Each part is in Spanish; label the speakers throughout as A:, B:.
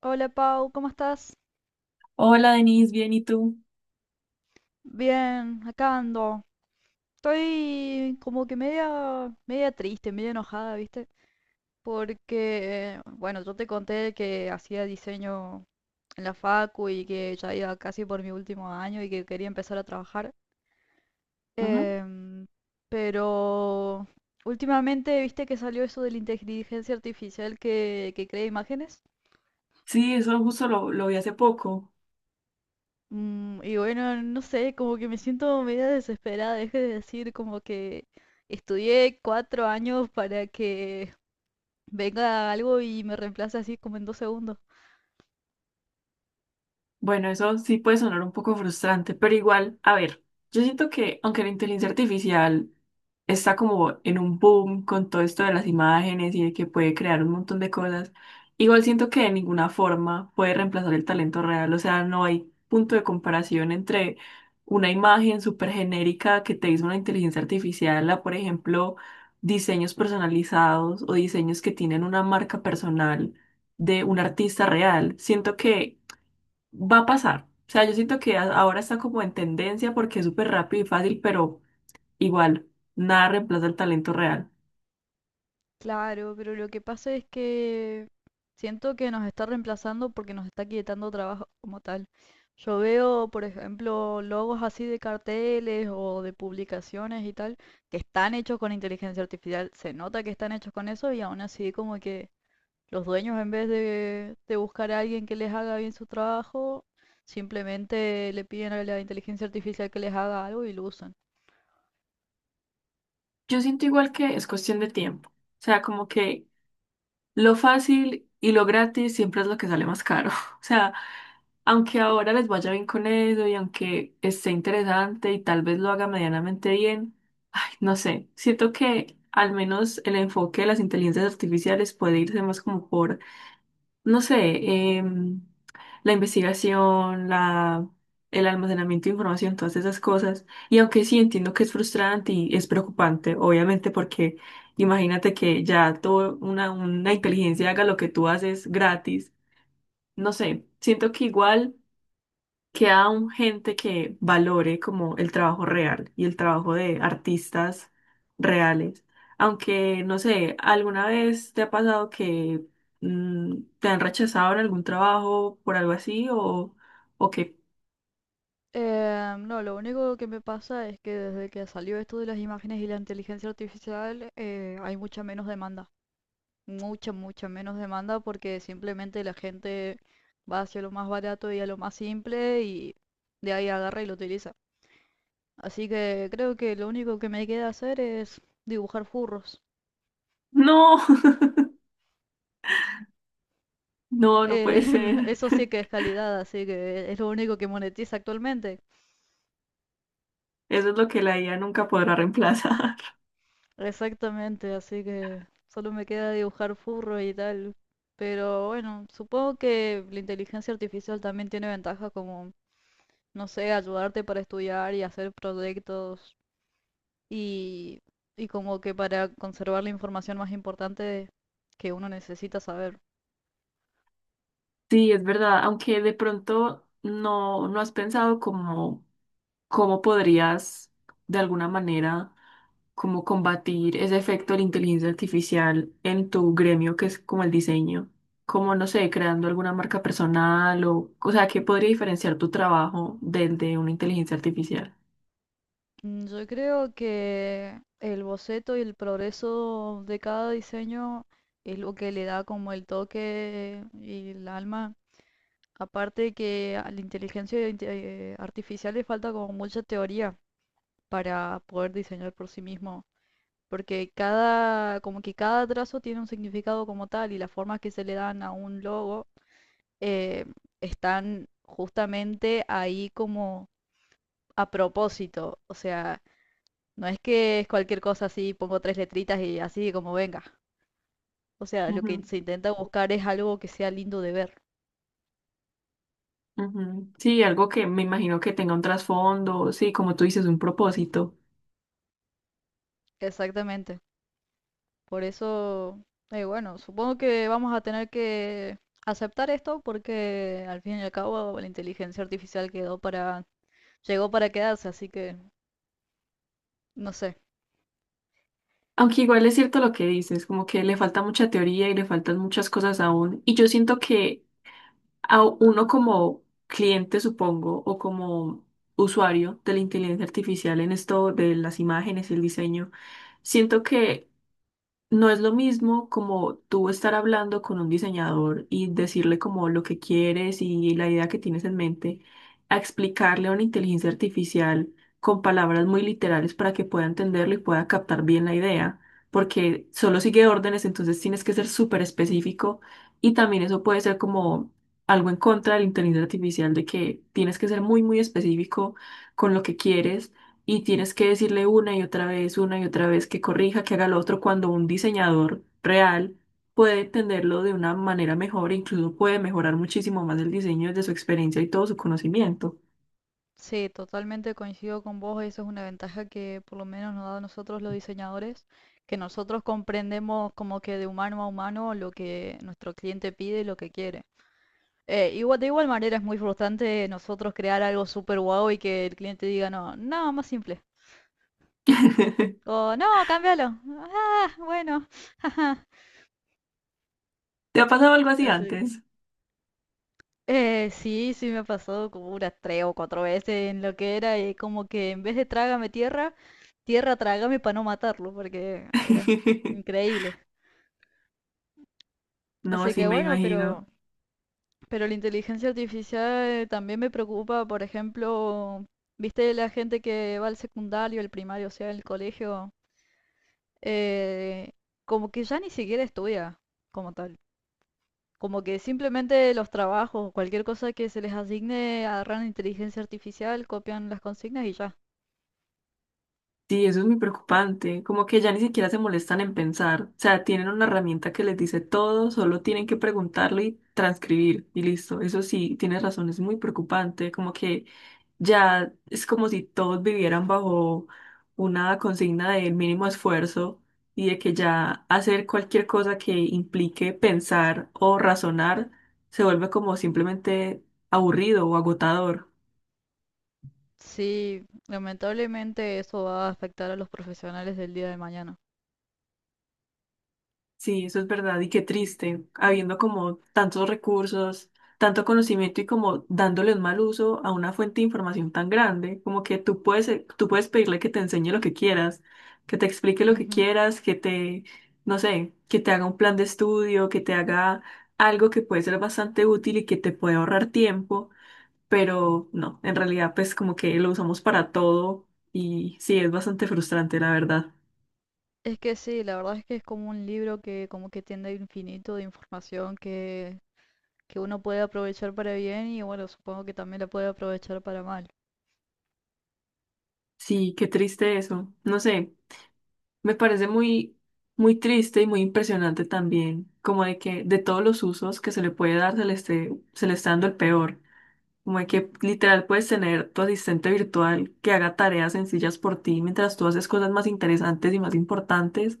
A: Hola Pau, ¿cómo estás?
B: Hola Denise, bien, ¿y tú?
A: Bien, acá ando. Estoy como que media, media triste, media enojada, ¿viste? Porque, bueno, yo te conté que hacía diseño en la facu y que ya iba casi por mi último año y que quería empezar a trabajar. Em, pero últimamente, ¿viste que salió eso de la inteligencia artificial que crea imágenes?
B: Sí, eso justo lo vi hace poco.
A: Y bueno, no sé, como que me siento media desesperada. Deje de decir como que estudié 4 años para que venga algo y me reemplace así como en 2 segundos.
B: Bueno, eso sí puede sonar un poco frustrante, pero igual, a ver, yo siento que aunque la inteligencia artificial está como en un boom con todo esto de las imágenes y de que puede crear un montón de cosas, igual siento que de ninguna forma puede reemplazar el talento real, o sea, no hay punto de comparación entre una imagen súper genérica que te hizo una inteligencia artificial a, por ejemplo, diseños personalizados o diseños que tienen una marca personal de un artista real. Siento que va a pasar. O sea, yo siento que ahora está como en tendencia porque es súper rápido y fácil, pero igual, nada reemplaza el talento real.
A: Claro, pero lo que pasa es que siento que nos está reemplazando porque nos está quitando trabajo como tal. Yo veo, por ejemplo, logos así de carteles o de publicaciones y tal, que están hechos con inteligencia artificial. Se nota que están hechos con eso y aún así como que los dueños, en vez de buscar a alguien que les haga bien su trabajo, simplemente le piden a la inteligencia artificial que les haga algo y lo usan.
B: Yo siento igual que es cuestión de tiempo. O sea, como que lo fácil y lo gratis siempre es lo que sale más caro. O sea, aunque ahora les vaya bien con eso y aunque esté interesante y tal vez lo haga medianamente bien, ay, no sé, siento que al menos el enfoque de las inteligencias artificiales puede irse más como por no sé, la investigación, la, el almacenamiento de información, todas esas cosas. Y aunque sí entiendo que es frustrante y es preocupante, obviamente, porque imagínate que ya todo una inteligencia haga lo que tú haces gratis. No sé, siento que igual queda aún gente que valore como el trabajo real y el trabajo de artistas reales. Aunque, no sé, ¿alguna vez te ha pasado que te han rechazado en algún trabajo por algo así o que
A: No, lo único que me pasa es que desde que salió esto de las imágenes y la inteligencia artificial, hay mucha menos demanda. Mucha, mucha menos demanda porque simplemente la gente va hacia lo más barato y a lo más simple y de ahí agarra y lo utiliza. Así que creo que lo único que me queda hacer es dibujar furros.
B: no, no, no
A: Eh,
B: puede ser.
A: Eso sí que es calidad, así que es lo único que monetiza actualmente.
B: Eso es lo que la IA nunca podrá reemplazar.
A: Exactamente, así que solo me queda dibujar furro y tal. Pero bueno, supongo que la inteligencia artificial también tiene ventajas como, no sé, ayudarte para estudiar y hacer proyectos y, y como que para conservar la información más importante que uno necesita saber.
B: Sí, es verdad, aunque de pronto no, no has pensado cómo cómo podrías de alguna manera como combatir ese efecto de la inteligencia artificial en tu gremio, que es como el diseño, como no sé, creando alguna marca personal o sea, ¿qué podría diferenciar tu trabajo del de una inteligencia artificial?
A: Yo creo que el boceto y el progreso de cada diseño es lo que le da como el toque y el alma. Aparte que a la inteligencia artificial le falta como mucha teoría para poder diseñar por sí mismo, porque cada, como que cada trazo tiene un significado como tal y las formas que se le dan a un logo eh, están justamente ahí como a propósito, o sea, no es que es cualquier cosa así, pongo tres letritas y así como venga. O sea, lo
B: Ujú,
A: que se intenta buscar es algo que sea lindo de ver.
B: ujú. Sí, algo que me imagino que tenga un trasfondo, sí, como tú dices, un propósito.
A: Exactamente. Por eso, bueno, supongo que vamos a tener que aceptar esto porque al fin y al cabo la inteligencia artificial quedó para, llegó para quedarse, así que no sé.
B: Aunque igual es cierto lo que dices, como que le falta mucha teoría y le faltan muchas cosas aún. Y yo siento que a uno como cliente, supongo, o como usuario de la inteligencia artificial en esto de las imágenes y el diseño, siento que no es lo mismo como tú estar hablando con un diseñador y decirle como lo que quieres y la idea que tienes en mente, a explicarle a una inteligencia artificial con palabras muy literales para que pueda entenderlo y pueda captar bien la idea, porque solo sigue órdenes, entonces tienes que ser súper específico y también eso puede ser como algo en contra de la inteligencia artificial de que tienes que ser muy, muy específico con lo que quieres y tienes que decirle una y otra vez, una y otra vez que corrija, que haga lo otro, cuando un diseñador real puede entenderlo de una manera mejor, e incluso puede mejorar muchísimo más el diseño desde su experiencia y todo su conocimiento.
A: Sí, totalmente coincido con vos, eso es una ventaja que por lo menos nos da a nosotros los diseñadores, que nosotros comprendemos como que de humano a humano lo que nuestro cliente pide y lo que quiere. Igual, de igual manera es muy frustrante nosotros crear algo súper guau y que el cliente diga, no, no, más simple. O no, cámbialo. Ah, bueno. ajá".
B: ¿Te ha pasado algo así
A: Así que,
B: antes?
A: Sí, sí me ha pasado como unas 3 o 4 veces en lo que era y como que en vez de trágame tierra, tierra trágame para no matarlo, porque ah, era increíble.
B: No,
A: Así
B: sí,
A: que
B: me
A: bueno,
B: imagino.
A: pero la inteligencia artificial también me preocupa, por ejemplo, viste la gente que va al secundario, al primario, o sea, al colegio eh, como que ya ni siquiera estudia como tal. Como que simplemente los trabajos, cualquier cosa que se les asigne, agarran inteligencia artificial, copian las consignas y ya.
B: Sí, eso es muy preocupante. Como que ya ni siquiera se molestan en pensar. O sea, tienen una herramienta que les dice todo, solo tienen que preguntarlo y transcribir y listo. Eso sí, tienes razón, es muy preocupante. Como que ya es como si todos vivieran bajo una consigna del mínimo esfuerzo y de que ya hacer cualquier cosa que implique pensar o razonar se vuelve como simplemente aburrido o agotador.
A: Sí, lamentablemente eso va a afectar a los profesionales del día de mañana.
B: Sí, eso es verdad y qué triste, habiendo como tantos recursos, tanto conocimiento y como dándole un mal uso a una fuente de información tan grande, como que tú puedes pedirle que te enseñe lo que quieras, que te explique lo que
A: Ujú.
B: quieras, que te, no sé, que te haga un plan de estudio, que te haga algo que puede ser bastante útil y que te puede ahorrar tiempo, pero no, en realidad pues como que lo usamos para todo y sí, es bastante frustrante, la verdad.
A: Es que sí, la verdad es que es como un libro que como que tiende a infinito de información que uno puede aprovechar para bien y bueno, supongo que también la puede aprovechar para mal.
B: Sí, qué triste eso. No sé. Me parece muy, muy triste y muy impresionante también, como de que de todos los usos que se le puede dar, se le está dando el peor. Como de que literal puedes tener tu asistente virtual que haga tareas sencillas por ti mientras tú haces cosas más interesantes y más importantes,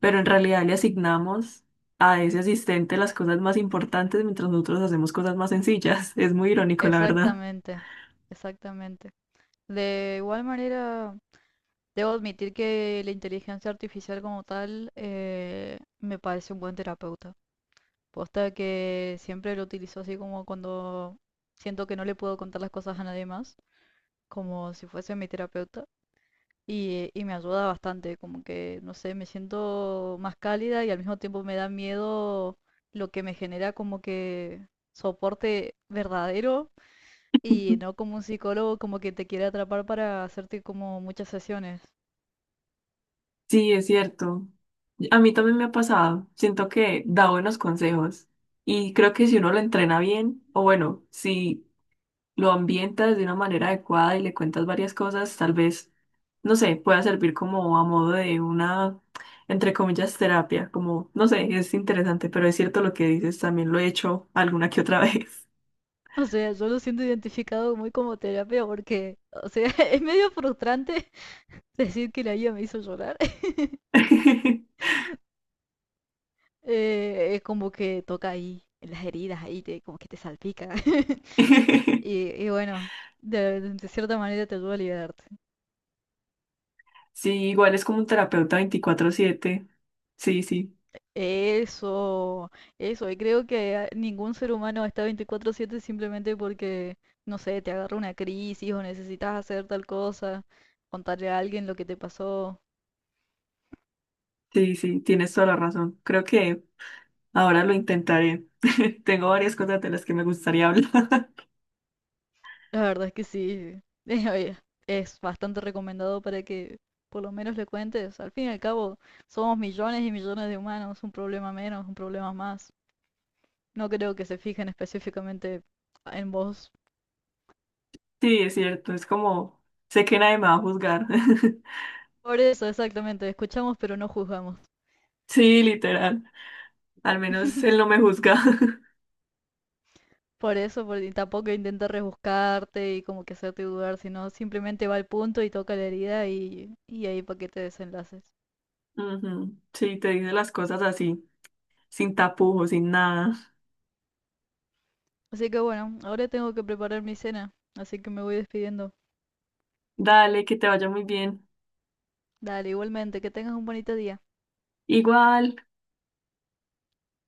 B: pero en realidad le asignamos a ese asistente las cosas más importantes mientras nosotros hacemos cosas más sencillas. Es muy irónico, la verdad.
A: Exactamente, exactamente. De igual manera, debo admitir que la inteligencia artificial como tal me parece un buen terapeuta. Posta que siempre lo utilizo así como cuando siento que no le puedo contar las cosas a nadie más, como si fuese mi terapeuta. Y me ayuda bastante, como que, no sé, me siento más cálida y al mismo tiempo me da miedo lo que me genera como que soporte verdadero y no como un psicólogo como que te quiere atrapar para hacerte como muchas sesiones.
B: Sí, es cierto. A mí también me ha pasado. Siento que da buenos consejos y creo que si uno lo entrena bien, o bueno, si lo ambientas de una manera adecuada y le cuentas varias cosas, tal vez, no sé, pueda servir como a modo de una, entre comillas, terapia. Como, no sé, es interesante, pero es cierto lo que dices, también lo he hecho alguna que otra vez.
A: O sea, yo lo siento identificado muy como terapia porque, o sea, es medio frustrante decir que la guía me hizo llorar. Es como que toca ahí, en las heridas, ahí te, como que te salpica. Y bueno, de cierta manera te ayuda a liberarte.
B: Sí, igual es como un terapeuta 24/7. Sí, sí,
A: Eso, eso, y creo que ningún ser humano está 24/7 simplemente porque, no sé, te agarra una crisis o necesitas hacer tal cosa, contarle a alguien lo que te pasó.
B: sí, sí, tienes toda la razón. Creo que... Ahora lo intentaré. Tengo varias cosas de las que me gustaría hablar.
A: La verdad es que sí. Oye, es bastante recomendado para que por lo menos le cuentes. Al fin y al cabo, somos millones y millones de humanos, un problema menos, un problema más. No creo que se fijen específicamente en vos.
B: Sí, es cierto, es como, sé que nadie me va a juzgar.
A: Por eso, exactamente, escuchamos pero no juzgamos.
B: Sí, literal. Al menos él no me juzga.
A: Por eso, y tampoco intenta rebuscarte y como que hacerte dudar, sino simplemente va al punto y toca la herida y ahí para que te desenlaces.
B: Ujú, sí, te dice las cosas así, sin tapujos, sin nada.
A: Así que bueno, ahora tengo que preparar mi cena, así que me voy despidiendo.
B: Dale, que te vaya muy bien.
A: Dale, igualmente, que tengas un bonito día.
B: Igual.